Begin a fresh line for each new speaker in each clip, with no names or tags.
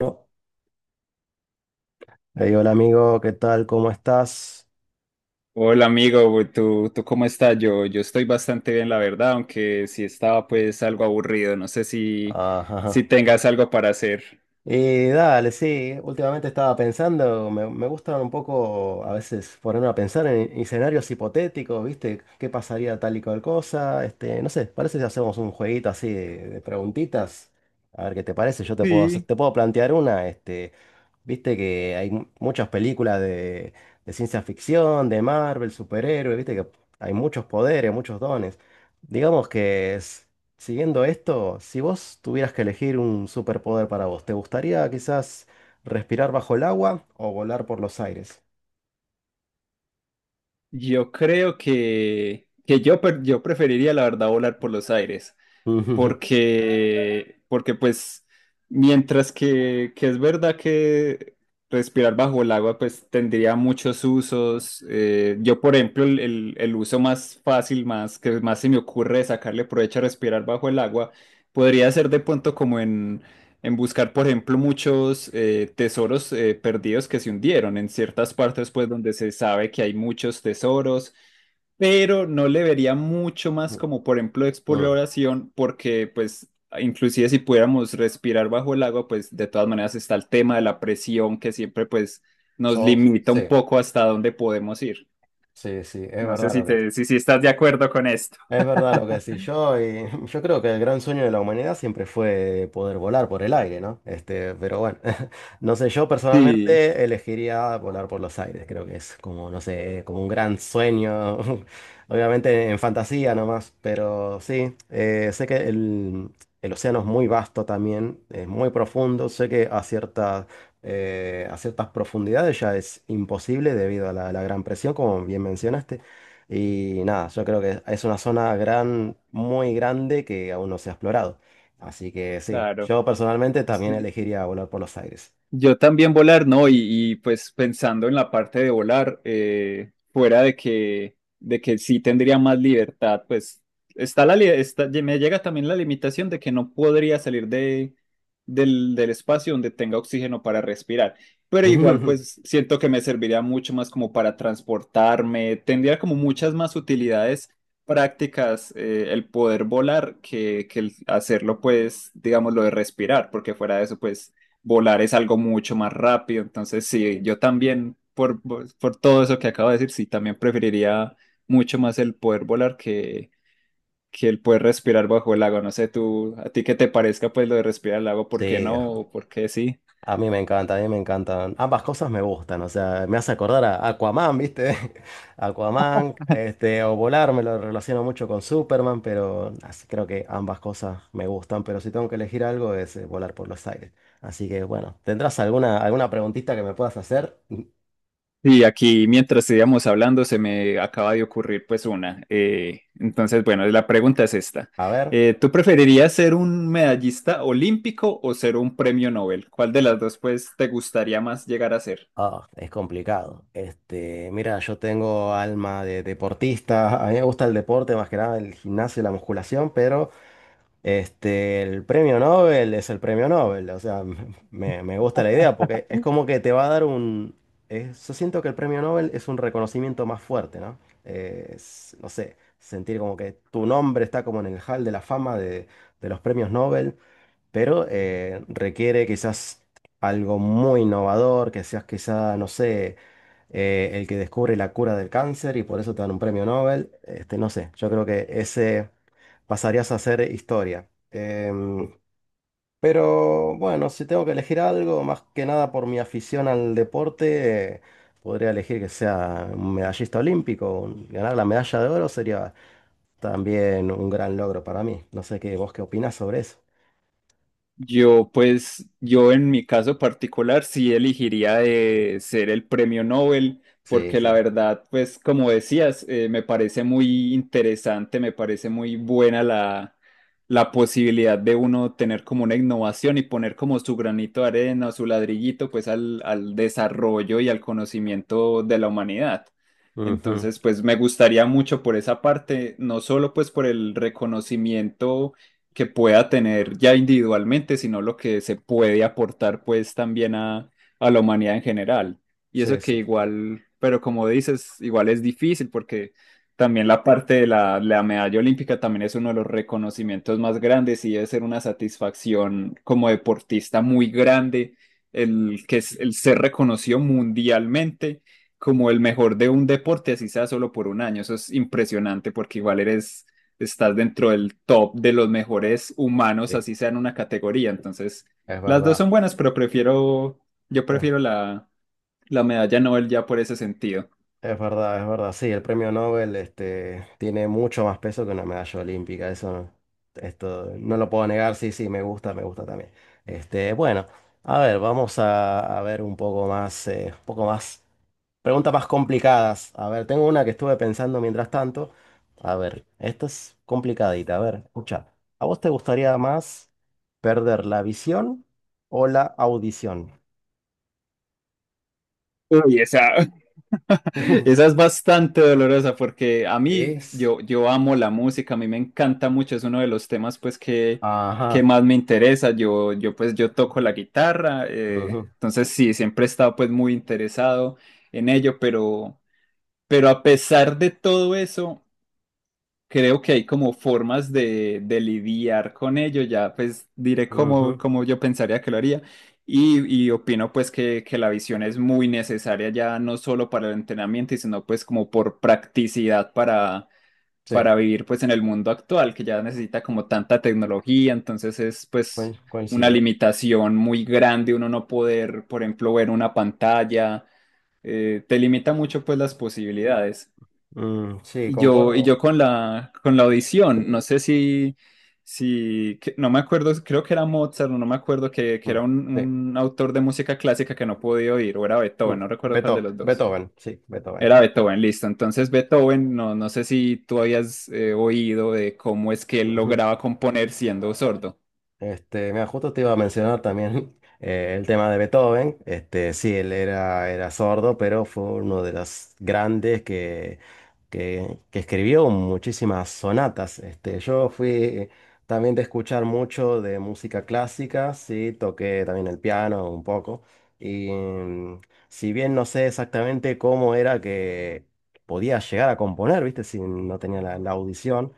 No. Hey, hola amigo, ¿qué tal? ¿Cómo estás?
Hola amigo, ¿tú cómo estás? Yo estoy bastante bien, la verdad, aunque sí estaba pues algo aburrido. No sé si,
Ajá, ajá.
si tengas algo para hacer.
Y dale, sí, últimamente estaba pensando, me gusta un poco a veces ponerme a pensar en escenarios hipotéticos, ¿viste? ¿Qué pasaría tal y cual cosa? Este, no sé, parece si hacemos un jueguito así de preguntitas. A ver qué te parece, yo te puedo hacer-
Sí,
te puedo plantear una, este. Viste que hay muchas películas de ciencia ficción, de Marvel, superhéroes, viste que hay muchos poderes, muchos dones. Digamos que siguiendo esto, si vos tuvieras que elegir un superpoder para vos, ¿te gustaría quizás respirar bajo el agua o volar por los aires?
yo creo que yo preferiría, la verdad, volar por los aires, porque pues mientras que es verdad que respirar bajo el agua pues tendría muchos usos. Yo por ejemplo el uso más fácil, más que más se me ocurre de sacarle provecho a respirar bajo el agua, podría ser de pronto como en buscar por ejemplo muchos tesoros perdidos que se hundieron en ciertas partes pues donde se sabe que hay muchos tesoros, pero no le vería mucho más
Mm,
como, por ejemplo,
mm.
exploración, porque pues inclusive si pudiéramos respirar bajo el agua, pues de todas maneras está el tema de la presión que siempre pues nos limita un
Sí,
poco hasta dónde podemos ir.
sí, es
No sé
verdad
si
lo que...
estás de acuerdo con esto.
Es verdad lo que decís, yo, y yo creo que el gran sueño de la humanidad siempre fue poder volar por el aire, ¿no? Este, pero bueno, no sé, yo
Sí,
personalmente elegiría volar por los aires, creo que es como, no sé, como un gran sueño, obviamente en fantasía nomás, pero sí, sé que el océano es muy vasto también, es muy profundo, sé que a a ciertas profundidades ya es imposible debido a la gran presión, como bien mencionaste. Y nada, yo creo que es una zona muy grande que aún no se ha explorado. Así que sí,
claro.
yo personalmente también
Sí.
elegiría volar por los aires.
Yo también volar, ¿no? Y, pues pensando en la parte de volar, fuera de que sí tendría más libertad, pues está está, me llega también la limitación de que no podría salir del espacio donde tenga oxígeno para respirar. Pero igual, pues siento que me serviría mucho más como para transportarme, tendría como muchas más utilidades prácticas, el poder volar que el hacerlo, pues, digamos, lo de respirar, porque fuera de eso, pues volar es algo mucho más rápido. Entonces, sí, yo también, por todo eso que acabo de decir, sí, también preferiría mucho más el poder volar que el poder respirar bajo el agua. No sé, tú, a ti qué te parezca pues lo de respirar el agua, ¿por qué
Sí,
no? ¿O por qué sí?
a mí me encanta, a mí me encantan. Ambas cosas me gustan, o sea, me hace acordar a Aquaman, ¿viste? Aquaman, este, o volar, me lo relaciono mucho con Superman, pero así creo que ambas cosas me gustan, pero si tengo que elegir algo es volar por los aires. Así que bueno, ¿tendrás alguna, alguna preguntita que me puedas hacer?
Y aquí, mientras estábamos hablando, se me acaba de ocurrir pues una. Entonces, bueno, la pregunta es esta.
A ver.
¿Tú preferirías ser un medallista olímpico o ser un premio Nobel? ¿Cuál de las dos pues te gustaría más llegar a ser?
Ah, es complicado. Este, mira, yo tengo alma de deportista. A mí me gusta el deporte, más que nada el gimnasio y la musculación, pero este, el premio Nobel es el premio Nobel. O sea, me gusta la idea porque es como que te va a dar un... yo siento que el premio Nobel es un reconocimiento más fuerte, ¿no? No sé, sentir como que tu nombre está como en el hall de la fama de los premios Nobel, pero requiere quizás algo muy innovador, que seas quizá, no sé, el que descubre la cura del cáncer y por eso te dan un premio Nobel, este, no sé, yo creo que ese pasarías a ser historia. Pero bueno, si tengo que elegir algo, más que nada por mi afición al deporte, podría elegir que sea un medallista olímpico, ganar la medalla de oro sería también un gran logro para mí. No sé qué, vos qué opinás sobre eso.
Yo, pues, yo en mi caso particular sí elegiría de ser el premio Nobel,
Sí,
porque
sí.
la verdad, pues, como decías, me parece muy interesante, me parece muy buena la posibilidad de uno tener como una innovación y poner como su granito de arena, su ladrillito, pues, al desarrollo y al conocimiento de la humanidad.
Ujú.
Entonces, pues, me gustaría mucho por esa parte, no solo pues por el reconocimiento que pueda tener ya individualmente, sino lo que se puede aportar pues también a la humanidad en general. Y
Sí,
eso que
sí,
igual, pero como dices, igual es difícil porque también la parte de la medalla olímpica también es uno de los reconocimientos más grandes y debe ser una satisfacción como deportista muy grande el que es el ser reconocido mundialmente como el mejor de un deporte, así sea solo por un año. Eso es impresionante porque igual eres estás dentro del top de los mejores humanos,
sí,
así sea en una categoría. Entonces,
es
las dos
verdad.
son buenas, pero prefiero, yo
Es,
prefiero la medalla Nobel ya por ese sentido.
es verdad, es verdad. Sí, el premio Nobel este, tiene mucho más peso que una medalla olímpica. Eso no, esto, no lo puedo negar. Sí, sí, me gusta también. Este, bueno, a ver, vamos a ver un poco más, preguntas más complicadas. A ver, tengo una que estuve pensando mientras tanto. A ver, esta es complicadita. A ver, escucha. ¿A vos te gustaría más perder la visión o la audición?
Uy, esa, esa es bastante dolorosa porque a mí,
Es.
yo amo la música, a mí me encanta mucho, es uno de los temas pues que
Ajá.
más me interesa. Yo, pues yo toco la guitarra,
Ujú,
entonces sí, siempre he estado pues muy interesado en ello, pero a pesar de todo eso, creo que hay como formas de lidiar con ello, ya pues diré cómo,
ujú.
cómo yo pensaría que lo haría, y opino pues que la visión es muy necesaria ya no solo para el entrenamiento, y sino pues como por practicidad para,
Sí,
para vivir pues en el mundo actual que ya necesita como tanta tecnología, entonces es pues una
coincido.
limitación muy grande uno no poder, por ejemplo, ver una pantalla. Te limita mucho pues las posibilidades.
Mm, sí,
Y yo
concuerdo.
con la audición, no sé si no me acuerdo, creo que era Mozart, o no me acuerdo que
Mm,
era un,
sí,
un autor de música clásica que no podía oír, o era
mm.
Beethoven, no recuerdo cuál de los dos.
Beethoven, sí, Beethoven.
Era Beethoven, listo. Entonces Beethoven, no sé si tú habías oído de cómo es que él lograba componer siendo sordo.
Este, mira, justo te iba a mencionar también el tema de Beethoven. Este, sí, él era, era sordo, pero fue uno de los grandes que, que escribió muchísimas sonatas. Este, yo fui también de escuchar mucho de música clásica, sí, toqué también el piano un poco. Y mm, si bien no sé exactamente cómo era que podía llegar a componer, ¿viste? Si no tenía la audición.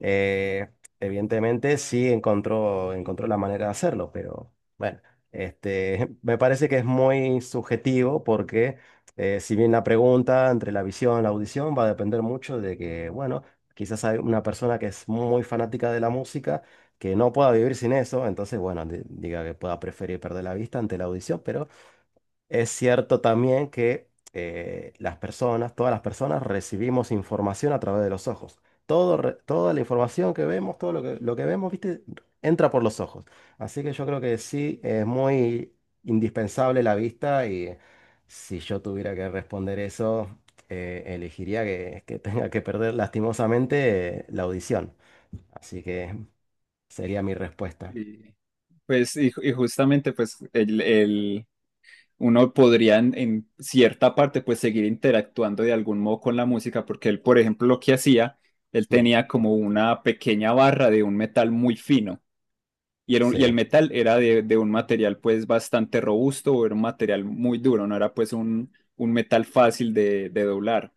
eh, Evidentemente sí encontró, encontró la manera de hacerlo, pero bueno, este, me parece que es muy subjetivo porque si bien la pregunta entre la visión y la audición va a depender mucho de que, bueno, quizás hay una persona que es muy fanática de la música que no pueda vivir sin eso, entonces, bueno, diga que pueda preferir perder la vista ante la audición, pero es cierto también que las personas, todas las personas recibimos información a través de los ojos. Todo, toda la información que vemos, todo lo lo que vemos, ¿viste? Entra por los ojos. Así que yo creo que sí, es muy indispensable la vista y si yo tuviera que responder eso, elegiría que tenga que perder lastimosamente la audición. Así que sería mi respuesta.
Y, pues, justamente, pues, el, uno podría en cierta parte pues seguir interactuando de algún modo con la música, porque él, por ejemplo, lo que hacía, él
Mm.
tenía como una pequeña barra de un metal muy fino. Y el
Sí.
metal era de un material pues bastante robusto, era un material muy duro, no era pues un metal fácil de doblar.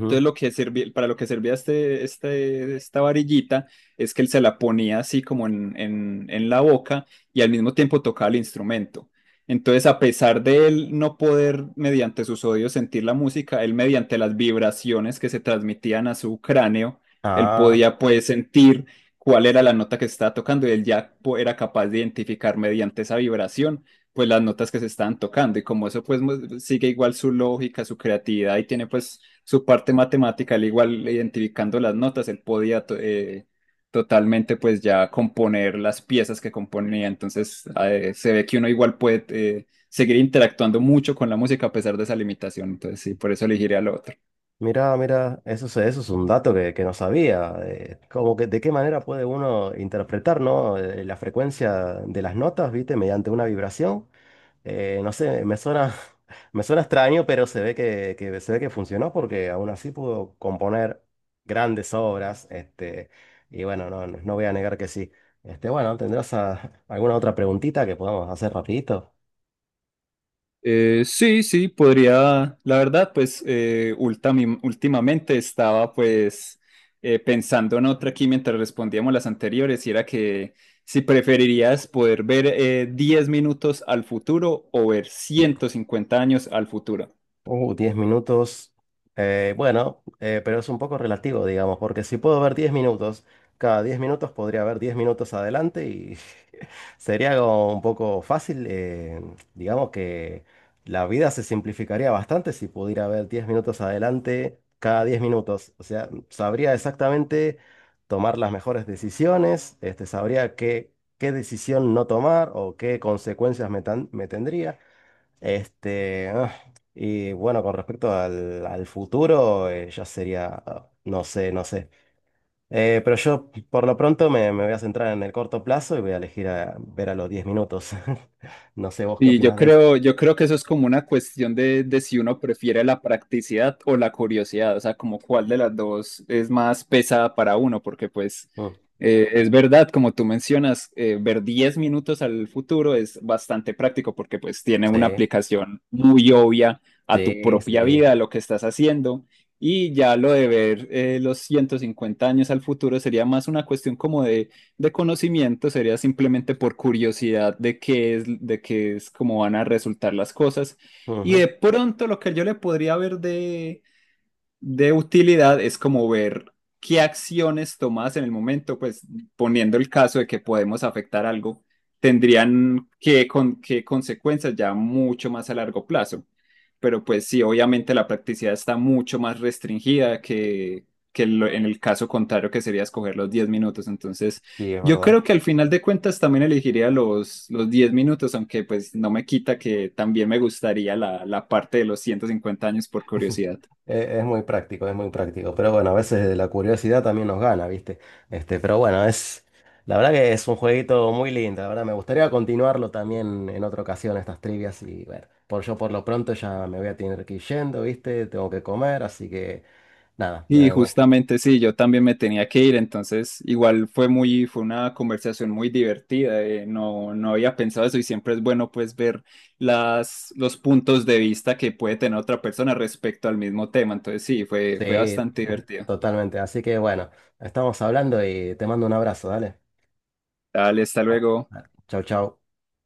Entonces, lo que servía, para lo que servía esta varillita es que él se la ponía así como en la boca y al mismo tiempo tocaba el instrumento. Entonces, a pesar de él no poder mediante sus oídos sentir la música, él mediante las vibraciones que se transmitían a su cráneo, él
Ah.
podía pues sentir cuál era la nota que estaba tocando y él era capaz de identificar mediante esa vibración pues las notas que se estaban tocando, y como eso pues mu- sigue igual su lógica, su creatividad y tiene pues su parte matemática, al igual identificando las notas, él podía totalmente pues ya componer las piezas que componía. Entonces, se ve que uno igual puede seguir interactuando mucho con la música a pesar de esa limitación. Entonces sí, por eso elegiré al otro.
Mira, mira, eso, eso es un dato que no sabía. Como que de qué manera puede uno interpretar, ¿no? La frecuencia de las notas, ¿viste? Mediante una vibración. No sé, me suena, me suena extraño, pero se ve que se ve que funcionó porque aún así pudo componer grandes obras. Este, y bueno, no, no no voy a negar que sí. Este, bueno, ¿tendrás alguna otra preguntita que podamos hacer rapidito?
Sí, sí, podría, la verdad, pues últimamente estaba pues pensando en otra aquí mientras respondíamos las anteriores y era que si preferirías poder ver 10 minutos al futuro o ver 150 años al futuro.
10 minutos. Bueno, pero es un poco relativo, digamos, porque si puedo ver 10 minutos, cada 10 minutos podría ver 10 minutos adelante y sería como un poco fácil. Digamos que la vida se simplificaría bastante si pudiera ver 10 minutos adelante cada 10 minutos. O sea, sabría exactamente tomar las mejores decisiones, este, sabría qué, qué decisión no tomar o qué consecuencias me tendría. Este, ah, y bueno, con respecto al, al futuro, ya sería, ah, no sé, no sé. Pero yo por lo pronto me voy a centrar en el corto plazo y voy a elegir a ver a los 10 minutos. No sé vos qué
Y
opinás de eso.
yo creo que eso es como una cuestión de si uno prefiere la practicidad o la curiosidad, o sea, como cuál de las dos es más pesada para uno, porque pues
Mm.
es verdad, como tú mencionas, ver 10 minutos al futuro es bastante práctico porque pues tiene una
Sí,
aplicación muy obvia a tu
sí,
propia
sí.
vida, a lo que estás haciendo, y ya lo de ver los 150 años al futuro sería más una cuestión como de conocimiento, sería simplemente por curiosidad de qué es cómo van a resultar las cosas. Y
Ujú,
de pronto lo que yo le podría ver de utilidad es como ver qué acciones tomadas en el momento, pues poniendo el caso de que podemos afectar algo, tendrían qué consecuencias ya mucho más a largo plazo. Pero pues sí, obviamente la practicidad está mucho más restringida que en el caso contrario que sería escoger los 10 minutos. Entonces,
sí, es
yo
verdad.
creo que al final de cuentas también elegiría los 10 minutos, aunque pues no me quita que también me gustaría la parte de los 150 años por curiosidad.
Es muy práctico, es muy práctico. Pero bueno, a veces la curiosidad también nos gana, ¿viste? Este, pero bueno, es. La verdad que es un jueguito muy lindo. La verdad, me gustaría continuarlo también en otra ocasión, estas trivias. Y bueno, por yo por lo pronto ya me voy a tener que ir yendo, ¿viste? Tengo que comer, así que nada,
Y justamente sí, yo también me tenía que ir, entonces igual fue muy, fue una conversación muy divertida, no había pensado eso y siempre es bueno pues ver los puntos de vista que puede tener otra persona respecto al mismo tema, entonces sí, fue
sí,
bastante divertido.
totalmente. Así que bueno, estamos hablando y te mando un abrazo, dale.
Dale, hasta luego.
Chau, chau.